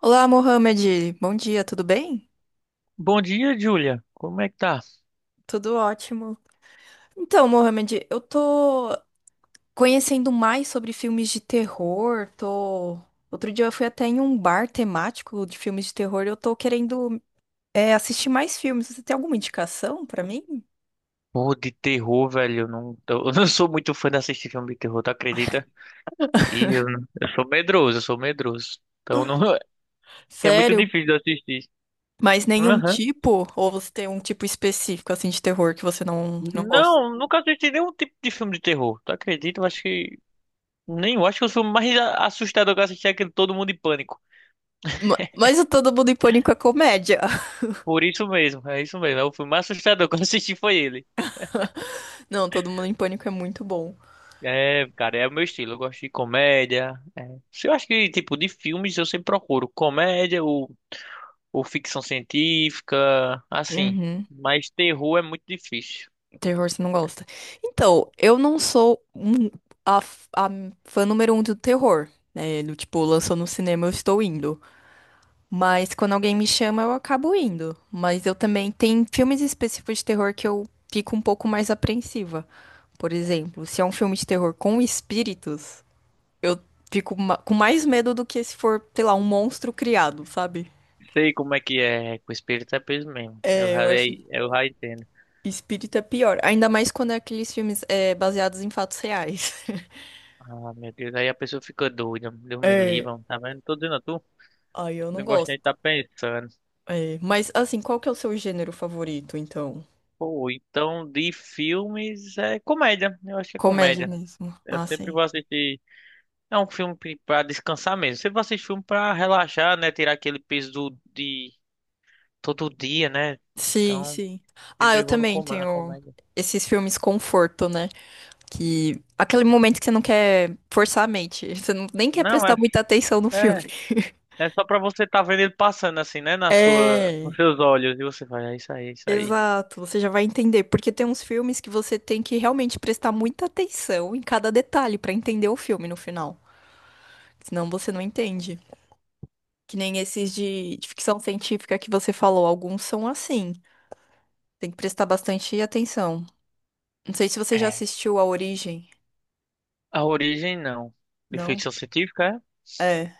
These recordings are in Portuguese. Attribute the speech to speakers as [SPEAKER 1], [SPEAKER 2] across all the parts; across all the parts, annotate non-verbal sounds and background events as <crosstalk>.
[SPEAKER 1] Olá, Mohamed. Bom dia, tudo bem?
[SPEAKER 2] Bom dia, Júlia. Como é que tá?
[SPEAKER 1] Tudo ótimo. Então, Mohamed, eu tô conhecendo mais sobre filmes de terror. Tô... Outro dia eu fui até em um bar temático de filmes de terror. Eu tô querendo, assistir mais filmes. Você tem alguma indicação pra mim?
[SPEAKER 2] Pô, de terror, velho. Eu não, tô- <laughs> eu não sou muito fã de assistir filme de terror, tu acredita? E eu, não- eu sou medroso, eu sou medroso. Então não, <laughs> é muito
[SPEAKER 1] Sério?
[SPEAKER 2] difícil de assistir.
[SPEAKER 1] Mas nenhum
[SPEAKER 2] Aham.
[SPEAKER 1] tipo? Ou você tem um tipo específico assim de terror que você não gosta?
[SPEAKER 2] Não, nunca assisti nenhum tipo de filme de terror. Tu acredita? Eu acho que. Nem, eu acho que o filme mais assustador que eu assisti é aquele Todo Mundo em Pânico.
[SPEAKER 1] Mas o Todo Mundo em Pânico é comédia. <laughs>
[SPEAKER 2] Por isso mesmo. É o filme mais assustador <laughs> que eu assisti foi ele.
[SPEAKER 1] Não, Todo Mundo em Pânico é muito bom.
[SPEAKER 2] É, cara, é o meu estilo. Eu gosto de comédia. É. Se Eu acho que, tipo, de filmes eu sempre procuro comédia, ou ficção científica, assim.
[SPEAKER 1] Uhum.
[SPEAKER 2] Mas terror é muito difícil.
[SPEAKER 1] Terror você não gosta. Então, eu não sou um- a, f- a fã número um do terror, né? Do tipo, lançou no cinema, eu estou indo. Mas quando alguém me chama, eu acabo indo. Mas eu também tem filmes específicos de terror que eu fico um pouco mais apreensiva. Por exemplo, se é um filme de terror com espíritos, eu fico com mais medo do que se for, sei lá, um monstro criado, sabe?
[SPEAKER 2] Sei como é que é, com espírito é peso mesmo.
[SPEAKER 1] É, eu acho
[SPEAKER 2] Eu já entendo.
[SPEAKER 1] espírito é pior. Ainda mais quando é aqueles filmes baseados em fatos reais. <laughs>
[SPEAKER 2] Ah, meu Deus, aí a pessoa fica doida. Deus me
[SPEAKER 1] É.
[SPEAKER 2] livre, tá vendo? Tô dizendo a tu.
[SPEAKER 1] Ai, eu não
[SPEAKER 2] Não gosto nem de
[SPEAKER 1] gosto.
[SPEAKER 2] estar pensando.
[SPEAKER 1] É, mas assim, qual que é o seu gênero favorito, então?
[SPEAKER 2] Pô, então de filmes é comédia. Eu acho que é
[SPEAKER 1] Comédia
[SPEAKER 2] comédia.
[SPEAKER 1] mesmo.
[SPEAKER 2] Eu
[SPEAKER 1] Ah,
[SPEAKER 2] sempre
[SPEAKER 1] sim.
[SPEAKER 2] vou assistir. É um filme pra descansar mesmo. Sempre vou assistir filme pra relaxar, né? Tirar aquele peso de todo dia, né?
[SPEAKER 1] Sim,
[SPEAKER 2] Então,
[SPEAKER 1] sim. Ah,
[SPEAKER 2] sempre
[SPEAKER 1] eu
[SPEAKER 2] vou no
[SPEAKER 1] também
[SPEAKER 2] com na
[SPEAKER 1] tenho
[SPEAKER 2] comédia.
[SPEAKER 1] esses filmes conforto, né? Que aquele momento que você não quer forçar a mente, <laughs> você não, nem quer
[SPEAKER 2] Não, é
[SPEAKER 1] prestar muita atenção no filme.
[SPEAKER 2] É,
[SPEAKER 1] <laughs>
[SPEAKER 2] é só pra você tá vendo ele passando assim, né? Nos
[SPEAKER 1] É,
[SPEAKER 2] seus olhos. E você vai, é isso aí, é isso aí.
[SPEAKER 1] exato, você já vai entender, porque tem uns filmes que você tem que realmente prestar muita atenção em cada detalhe pra entender o filme no final, senão você não entende. Que nem esses de ficção científica que você falou, alguns são assim. Tem que prestar bastante atenção. Não sei se você já
[SPEAKER 2] É.
[SPEAKER 1] assistiu A Origem.
[SPEAKER 2] A origem, não. De
[SPEAKER 1] Não?
[SPEAKER 2] ficção científica, é?
[SPEAKER 1] É.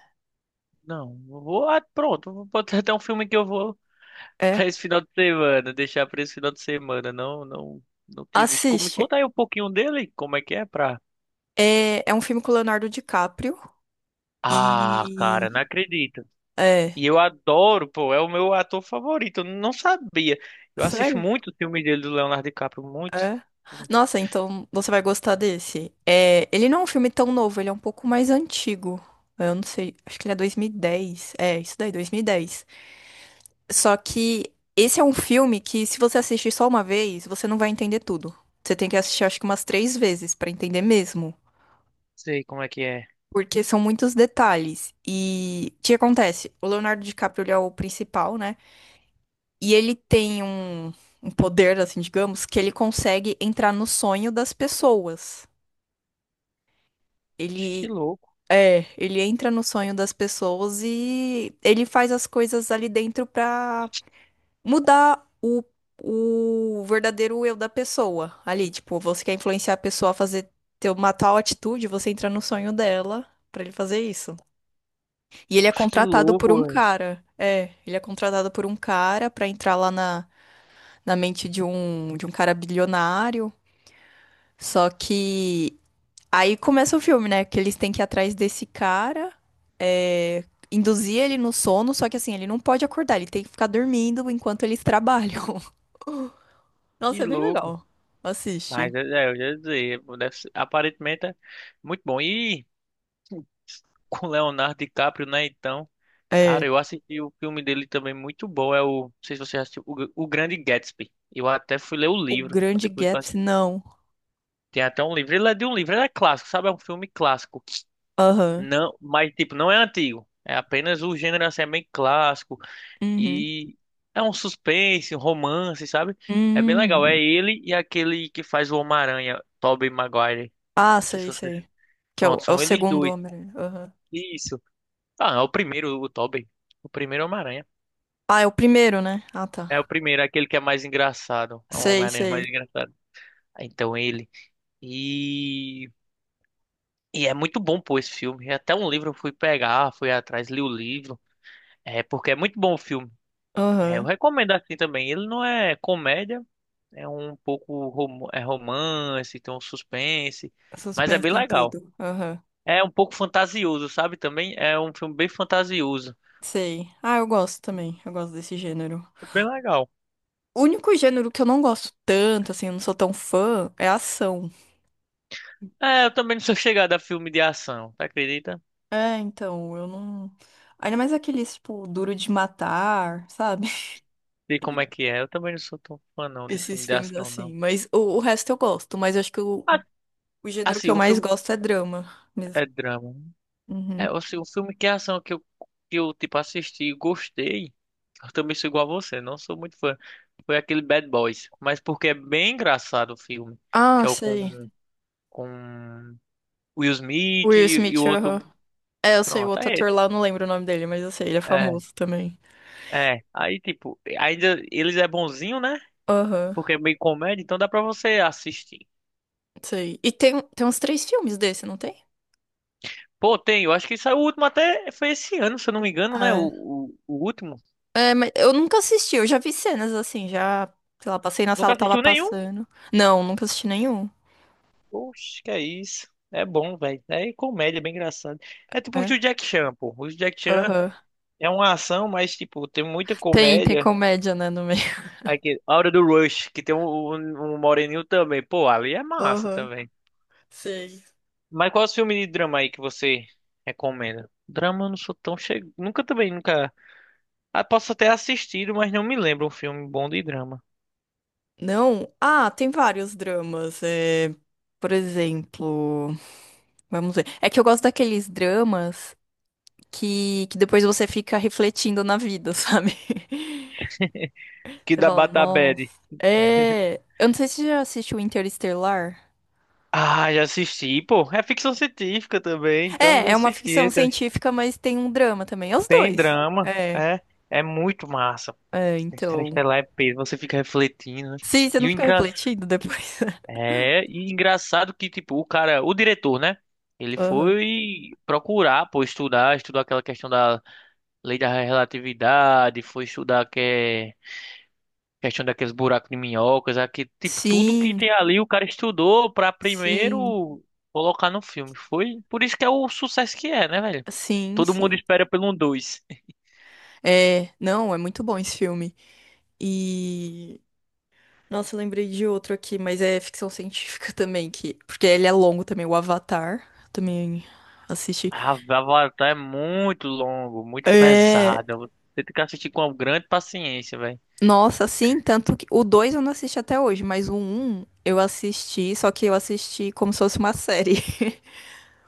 [SPEAKER 2] Não. Eu Vou, ah, pronto. Vou botar até um filme que eu vou <laughs> pra
[SPEAKER 1] É.
[SPEAKER 2] esse final de semana. Deixar pra esse final de semana. Não, não, não tive visto. Me
[SPEAKER 1] Assiste.
[SPEAKER 2] conta aí um pouquinho dele. Como é que é pra...
[SPEAKER 1] É, é um filme com o Leonardo DiCaprio.
[SPEAKER 2] Ah, cara, não
[SPEAKER 1] E.
[SPEAKER 2] acredito.
[SPEAKER 1] É.
[SPEAKER 2] E eu adoro, pô. É o meu ator favorito. Eu não sabia. Eu assisto
[SPEAKER 1] Sério?
[SPEAKER 2] muito o filme dele do Leonardo DiCaprio. Muito.
[SPEAKER 1] É.
[SPEAKER 2] Não
[SPEAKER 1] Nossa, então você vai gostar desse. É, ele não é um filme tão novo, ele é um pouco mais antigo. Eu não sei, acho que ele é 2010. É, isso daí, 2010. Só que esse é um filme que, se você assistir só uma vez, você não vai entender tudo. Você tem que assistir, acho que umas três vezes pra entender mesmo.
[SPEAKER 2] sei como é que é.
[SPEAKER 1] Porque são muitos detalhes. E o que acontece? O Leonardo DiCaprio, ele é o principal, né? E ele tem um poder, assim, digamos, que ele consegue entrar no sonho das pessoas.
[SPEAKER 2] Acho que
[SPEAKER 1] Ele.
[SPEAKER 2] louco.
[SPEAKER 1] É, ele entra no sonho das pessoas e ele faz as coisas ali dentro pra mudar o verdadeiro eu da pessoa ali. Tipo, você quer influenciar a pessoa a fazer ter uma tal atitude, você entra no sonho dela pra ele fazer isso. E ele é
[SPEAKER 2] Oxe, que
[SPEAKER 1] contratado por
[SPEAKER 2] louco,
[SPEAKER 1] um
[SPEAKER 2] velho.
[SPEAKER 1] cara. É, ele é contratado por um cara pra entrar lá na, na mente de um cara bilionário. Só que aí começa o filme, né? Que eles têm que ir atrás desse cara. é, Induzir ele no sono, só que assim, ele não pode acordar, ele tem que ficar dormindo enquanto eles <laughs> trabalham.
[SPEAKER 2] Que
[SPEAKER 1] Nossa, é bem
[SPEAKER 2] louco.
[SPEAKER 1] legal.
[SPEAKER 2] Mas
[SPEAKER 1] Assiste.
[SPEAKER 2] eu já ia dizer, deve ser- aparentemente é muito bom. E com Leonardo DiCaprio, né? Então,
[SPEAKER 1] É.
[SPEAKER 2] cara, eu assisti o filme dele também muito bom. É o, não sei se você já assistiu, o, o Grande Gatsby. Eu até fui ler o
[SPEAKER 1] O
[SPEAKER 2] livro.
[SPEAKER 1] Grande
[SPEAKER 2] Depois que eu
[SPEAKER 1] Gatsby, não.
[SPEAKER 2] tem até um livro. Ele é de um livro, ele é clássico, sabe? É um filme clássico.
[SPEAKER 1] Aham.
[SPEAKER 2] Não, mas tipo, não é antigo. É apenas o gênero assim, é bem clássico.
[SPEAKER 1] Uhum.
[SPEAKER 2] E é um suspense, um romance, sabe? É bem legal. É
[SPEAKER 1] Hum.
[SPEAKER 2] ele e aquele que faz o Homem-Aranha, Tobey Maguire.
[SPEAKER 1] Ah,
[SPEAKER 2] Não sei se
[SPEAKER 1] sei,
[SPEAKER 2] vocês.
[SPEAKER 1] sei. Que é
[SPEAKER 2] Pronto,
[SPEAKER 1] é o
[SPEAKER 2] são eles
[SPEAKER 1] segundo
[SPEAKER 2] dois.
[SPEAKER 1] homem. Aham.
[SPEAKER 2] Isso. Ah, é o primeiro, o Tobey. O primeiro Homem-Aranha.
[SPEAKER 1] Ah, é o primeiro, né? Ah,
[SPEAKER 2] É o
[SPEAKER 1] tá.
[SPEAKER 2] primeiro, aquele que é mais engraçado. É o
[SPEAKER 1] Sei,
[SPEAKER 2] Homem-Aranha
[SPEAKER 1] sei.
[SPEAKER 2] mais engraçado. Ah, então ele. E. E é muito bom, pô, esse filme. É Até um livro eu fui pegar, fui atrás, li o livro. É, porque é muito bom o filme. É, eu
[SPEAKER 1] Aham.
[SPEAKER 2] recomendo assim também. Ele não é comédia. É um pouco é romance, tem um suspense, mas é
[SPEAKER 1] Suspense
[SPEAKER 2] bem
[SPEAKER 1] tem
[SPEAKER 2] legal.
[SPEAKER 1] tudo. Aham.
[SPEAKER 2] É um pouco fantasioso, sabe? Também é um filme bem fantasioso.
[SPEAKER 1] Sei. Ah, eu gosto também. Eu gosto desse gênero.
[SPEAKER 2] É bem legal.
[SPEAKER 1] O único gênero que eu não gosto tanto, assim, eu não sou tão fã, é ação.
[SPEAKER 2] É, eu também não sou chegado a filme de ação, tá acredita?
[SPEAKER 1] É, então, eu não. Ainda mais aqueles, tipo, duro de matar, sabe?
[SPEAKER 2] Sei como é que é. Eu também não sou tão fã não de filme
[SPEAKER 1] Esses
[SPEAKER 2] de
[SPEAKER 1] filmes
[SPEAKER 2] ação,
[SPEAKER 1] assim.
[SPEAKER 2] não.
[SPEAKER 1] Mas o resto eu gosto. Mas eu acho que
[SPEAKER 2] Ah,
[SPEAKER 1] o gênero que
[SPEAKER 2] assim,
[SPEAKER 1] eu
[SPEAKER 2] um
[SPEAKER 1] mais
[SPEAKER 2] filme
[SPEAKER 1] gosto é drama mesmo.
[SPEAKER 2] é drama. É,
[SPEAKER 1] Uhum.
[SPEAKER 2] assim, um filme que é ação que eu tipo, assisti e gostei. Eu também sou igual a você, não sou muito fã. Foi aquele Bad Boys, mas porque é bem engraçado o filme,
[SPEAKER 1] Ah,
[SPEAKER 2] que é o com
[SPEAKER 1] sei.
[SPEAKER 2] com Will Smith
[SPEAKER 1] Will
[SPEAKER 2] e
[SPEAKER 1] Smith,
[SPEAKER 2] o
[SPEAKER 1] aham.
[SPEAKER 2] outro.
[SPEAKER 1] É, eu sei, o
[SPEAKER 2] Pronto,
[SPEAKER 1] outro
[SPEAKER 2] aí.
[SPEAKER 1] ator lá, eu não lembro o nome dele, mas eu sei, ele é
[SPEAKER 2] É,
[SPEAKER 1] famoso também.
[SPEAKER 2] é. Aí, tipo, ainda eles é bonzinho, né?
[SPEAKER 1] Aham,
[SPEAKER 2] Porque é meio comédia, então dá pra você assistir.
[SPEAKER 1] sei. E tem uns três filmes desse, não tem?
[SPEAKER 2] Pô, tem, eu acho que saiu o último até foi esse ano, se eu não me engano, né? O,
[SPEAKER 1] É.
[SPEAKER 2] o, o último.
[SPEAKER 1] É, mas eu nunca assisti, eu já vi cenas assim, já, sei lá, passei na
[SPEAKER 2] Nunca
[SPEAKER 1] sala, tava
[SPEAKER 2] assistiu nenhum?
[SPEAKER 1] passando. Não, nunca assisti nenhum.
[SPEAKER 2] Oxe, que é isso. É bom, velho. É comédia, bem engraçado. É tipo os
[SPEAKER 1] É?
[SPEAKER 2] do Jack Chan, pô. Os do Jack Chan
[SPEAKER 1] Aham.
[SPEAKER 2] é uma ação, mas, tipo, tem muita
[SPEAKER 1] Tem
[SPEAKER 2] comédia.
[SPEAKER 1] comédia, né, no meio.
[SPEAKER 2] Aqui, a Hora do Rush, que tem um moreninho também. Pô, ali é massa
[SPEAKER 1] Aham,
[SPEAKER 2] também.
[SPEAKER 1] sei.
[SPEAKER 2] Mas qual é o filme de drama aí que você recomenda? Drama eu não sou tão chegado. Nunca também, nunca. Ah, posso até assistido, mas não me lembro um filme bom de drama.
[SPEAKER 1] Não? Ah, tem vários dramas. É, por exemplo, vamos ver. É que eu gosto daqueles dramas que depois você fica refletindo na vida, <laughs> sabe?
[SPEAKER 2] Que
[SPEAKER 1] Você
[SPEAKER 2] da
[SPEAKER 1] fala,
[SPEAKER 2] Batabad.
[SPEAKER 1] nossa. É. Eu não sei se você já assistiu Interestelar.
[SPEAKER 2] Ah, já assisti, pô. É ficção científica também, então eu
[SPEAKER 1] É,
[SPEAKER 2] já
[SPEAKER 1] é uma ficção
[SPEAKER 2] assisti. Tra-
[SPEAKER 1] científica, mas tem um drama também. É os
[SPEAKER 2] Tem
[SPEAKER 1] dois.
[SPEAKER 2] drama, é, é muito massa.
[SPEAKER 1] Então.
[SPEAKER 2] Interestelar é peso, você fica refletindo, né?
[SPEAKER 1] Sim, você
[SPEAKER 2] E
[SPEAKER 1] não
[SPEAKER 2] o
[SPEAKER 1] fica
[SPEAKER 2] engra...
[SPEAKER 1] refletindo depois.
[SPEAKER 2] é, e engraçado que tipo, o cara, o diretor, né?
[SPEAKER 1] <laughs>
[SPEAKER 2] Ele
[SPEAKER 1] Aham.
[SPEAKER 2] foi procurar, pô, estudar, estudou aquela questão da lei da relatividade, foi estudar que é questão daqueles buracos de minhocas, aqui, tipo, tudo que
[SPEAKER 1] Sim,
[SPEAKER 2] tem ali o cara estudou para
[SPEAKER 1] sim,
[SPEAKER 2] primeiro colocar no filme. Foi por isso que é o sucesso que é, né, velho?
[SPEAKER 1] sim,
[SPEAKER 2] Todo mundo
[SPEAKER 1] sim.
[SPEAKER 2] espera pelo um dois.
[SPEAKER 1] É, não, é muito bom esse filme. E. Nossa, eu lembrei de outro aqui, mas é ficção científica <laughs> também, que. Porque ele é longo também, o Avatar. Também assisti.
[SPEAKER 2] Ah, Avatar é muito longo, muito
[SPEAKER 1] É.
[SPEAKER 2] pesado. Você tem que assistir com uma grande paciência, velho.
[SPEAKER 1] Nossa, sim, tanto que. O 2 eu não assisti até hoje, mas o um eu assisti, só que eu assisti como se fosse uma série.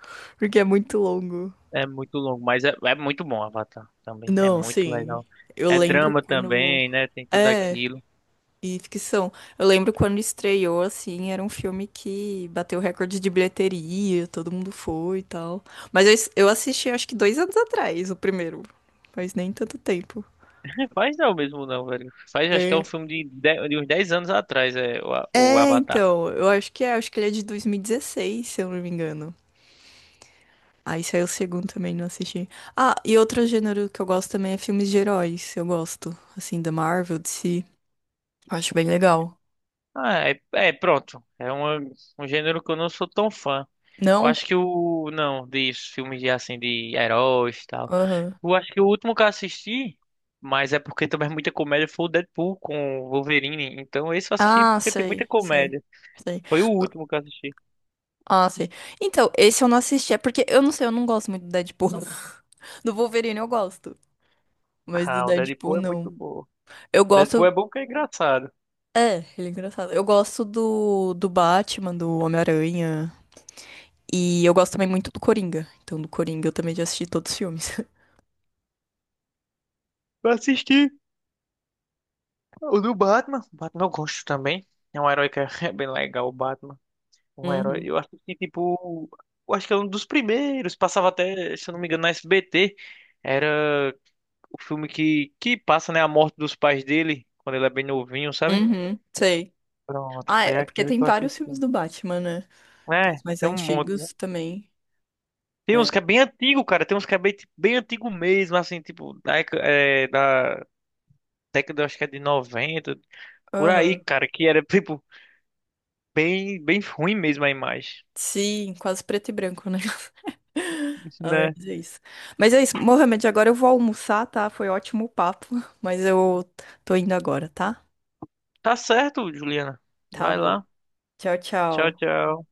[SPEAKER 1] <laughs> Porque é muito longo.
[SPEAKER 2] É muito longo, mas é muito bom Avatar também. É
[SPEAKER 1] Não,
[SPEAKER 2] muito
[SPEAKER 1] sim.
[SPEAKER 2] legal.
[SPEAKER 1] Eu
[SPEAKER 2] É
[SPEAKER 1] lembro
[SPEAKER 2] drama
[SPEAKER 1] quando.
[SPEAKER 2] também, né? Tem tudo
[SPEAKER 1] É.
[SPEAKER 2] aquilo.
[SPEAKER 1] E ficção. Eu lembro quando estreou, assim, era um filme que bateu recorde de bilheteria, todo mundo foi e tal. Mas eu, eu assisti acho que 2 anos atrás, o primeiro. Faz nem tanto tempo.
[SPEAKER 2] Faz não mesmo não, velho. Faz, acho que é um
[SPEAKER 1] É.
[SPEAKER 2] filme de uns 10 anos atrás, é o, o
[SPEAKER 1] É,
[SPEAKER 2] Avatar.
[SPEAKER 1] então, eu acho que é, acho que ele é de 2016 se eu não me engano. Aí saiu o segundo também, não assisti. Ah, e outro gênero que eu gosto também é filmes de heróis. Eu gosto, assim, da Marvel, DC. Acho bem legal.
[SPEAKER 2] Ah, é, é, pronto. É uma, um gênero que eu não sou tão fã. Eu
[SPEAKER 1] Não?
[SPEAKER 2] acho que o... Não, de filmes de, assim, de heróis e tal.
[SPEAKER 1] Aham.
[SPEAKER 2] Eu acho que o último que eu assisti, mas é porque também é muita comédia, foi o Deadpool com o Wolverine. Então esse eu assisti
[SPEAKER 1] Ah,
[SPEAKER 2] porque tem muita
[SPEAKER 1] sei, sei,
[SPEAKER 2] comédia.
[SPEAKER 1] sei.
[SPEAKER 2] Foi o último que eu assisti.
[SPEAKER 1] Ah, sei. Então, esse eu não assisti. É porque eu não sei, eu não gosto muito do Deadpool. <laughs> Do Wolverine eu gosto, mas do
[SPEAKER 2] Ah, o
[SPEAKER 1] Deadpool
[SPEAKER 2] Deadpool é muito
[SPEAKER 1] não.
[SPEAKER 2] bom.
[SPEAKER 1] Eu
[SPEAKER 2] Deadpool
[SPEAKER 1] gosto.
[SPEAKER 2] é bom porque é engraçado.
[SPEAKER 1] É, ele é engraçado. Eu gosto do Batman, do Homem-Aranha. E eu gosto também muito do Coringa. Então, do Coringa eu também já assisti todos os filmes. <laughs>
[SPEAKER 2] Eu assisti. O do Batman. O Batman eu gosto também. É um herói que é <laughs> bem legal, o Batman. Um herói.
[SPEAKER 1] Uhum.
[SPEAKER 2] Eu acho que, tipo. Eu acho que é um dos primeiros. Passava até, se eu não me engano, na SBT. Era o filme que passa, né? A morte dos pais dele, quando ele é bem novinho, sabe?
[SPEAKER 1] Uhum, sei.
[SPEAKER 2] Pronto,
[SPEAKER 1] Ah,
[SPEAKER 2] foi
[SPEAKER 1] é porque
[SPEAKER 2] aquele
[SPEAKER 1] tem
[SPEAKER 2] que eu
[SPEAKER 1] vários
[SPEAKER 2] assisti.
[SPEAKER 1] filmes do Batman, né? Tem
[SPEAKER 2] É,
[SPEAKER 1] os mais
[SPEAKER 2] tem um monte, né?
[SPEAKER 1] antigos também.
[SPEAKER 2] Tem uns
[SPEAKER 1] É.
[SPEAKER 2] que é bem antigo, cara. Tem uns que é bem, tipo, bem antigo mesmo, assim, tipo, da década, acho que é de 90, por aí,
[SPEAKER 1] Aham.
[SPEAKER 2] cara, que era, <laughs> tipo, bem ruim mesmo a imagem,
[SPEAKER 1] Sim, quase preto e branco, né? Ai,
[SPEAKER 2] né?
[SPEAKER 1] mas é isso. Mas é isso, Mohamed, agora eu vou almoçar, tá? Foi ótimo o papo, <laughs> mas eu tô indo agora, tá?
[SPEAKER 2] Tá certo, Juliana.
[SPEAKER 1] Tá
[SPEAKER 2] Vai
[SPEAKER 1] bom.
[SPEAKER 2] lá.
[SPEAKER 1] Tchau,
[SPEAKER 2] Tchau,
[SPEAKER 1] tchau.
[SPEAKER 2] tchau.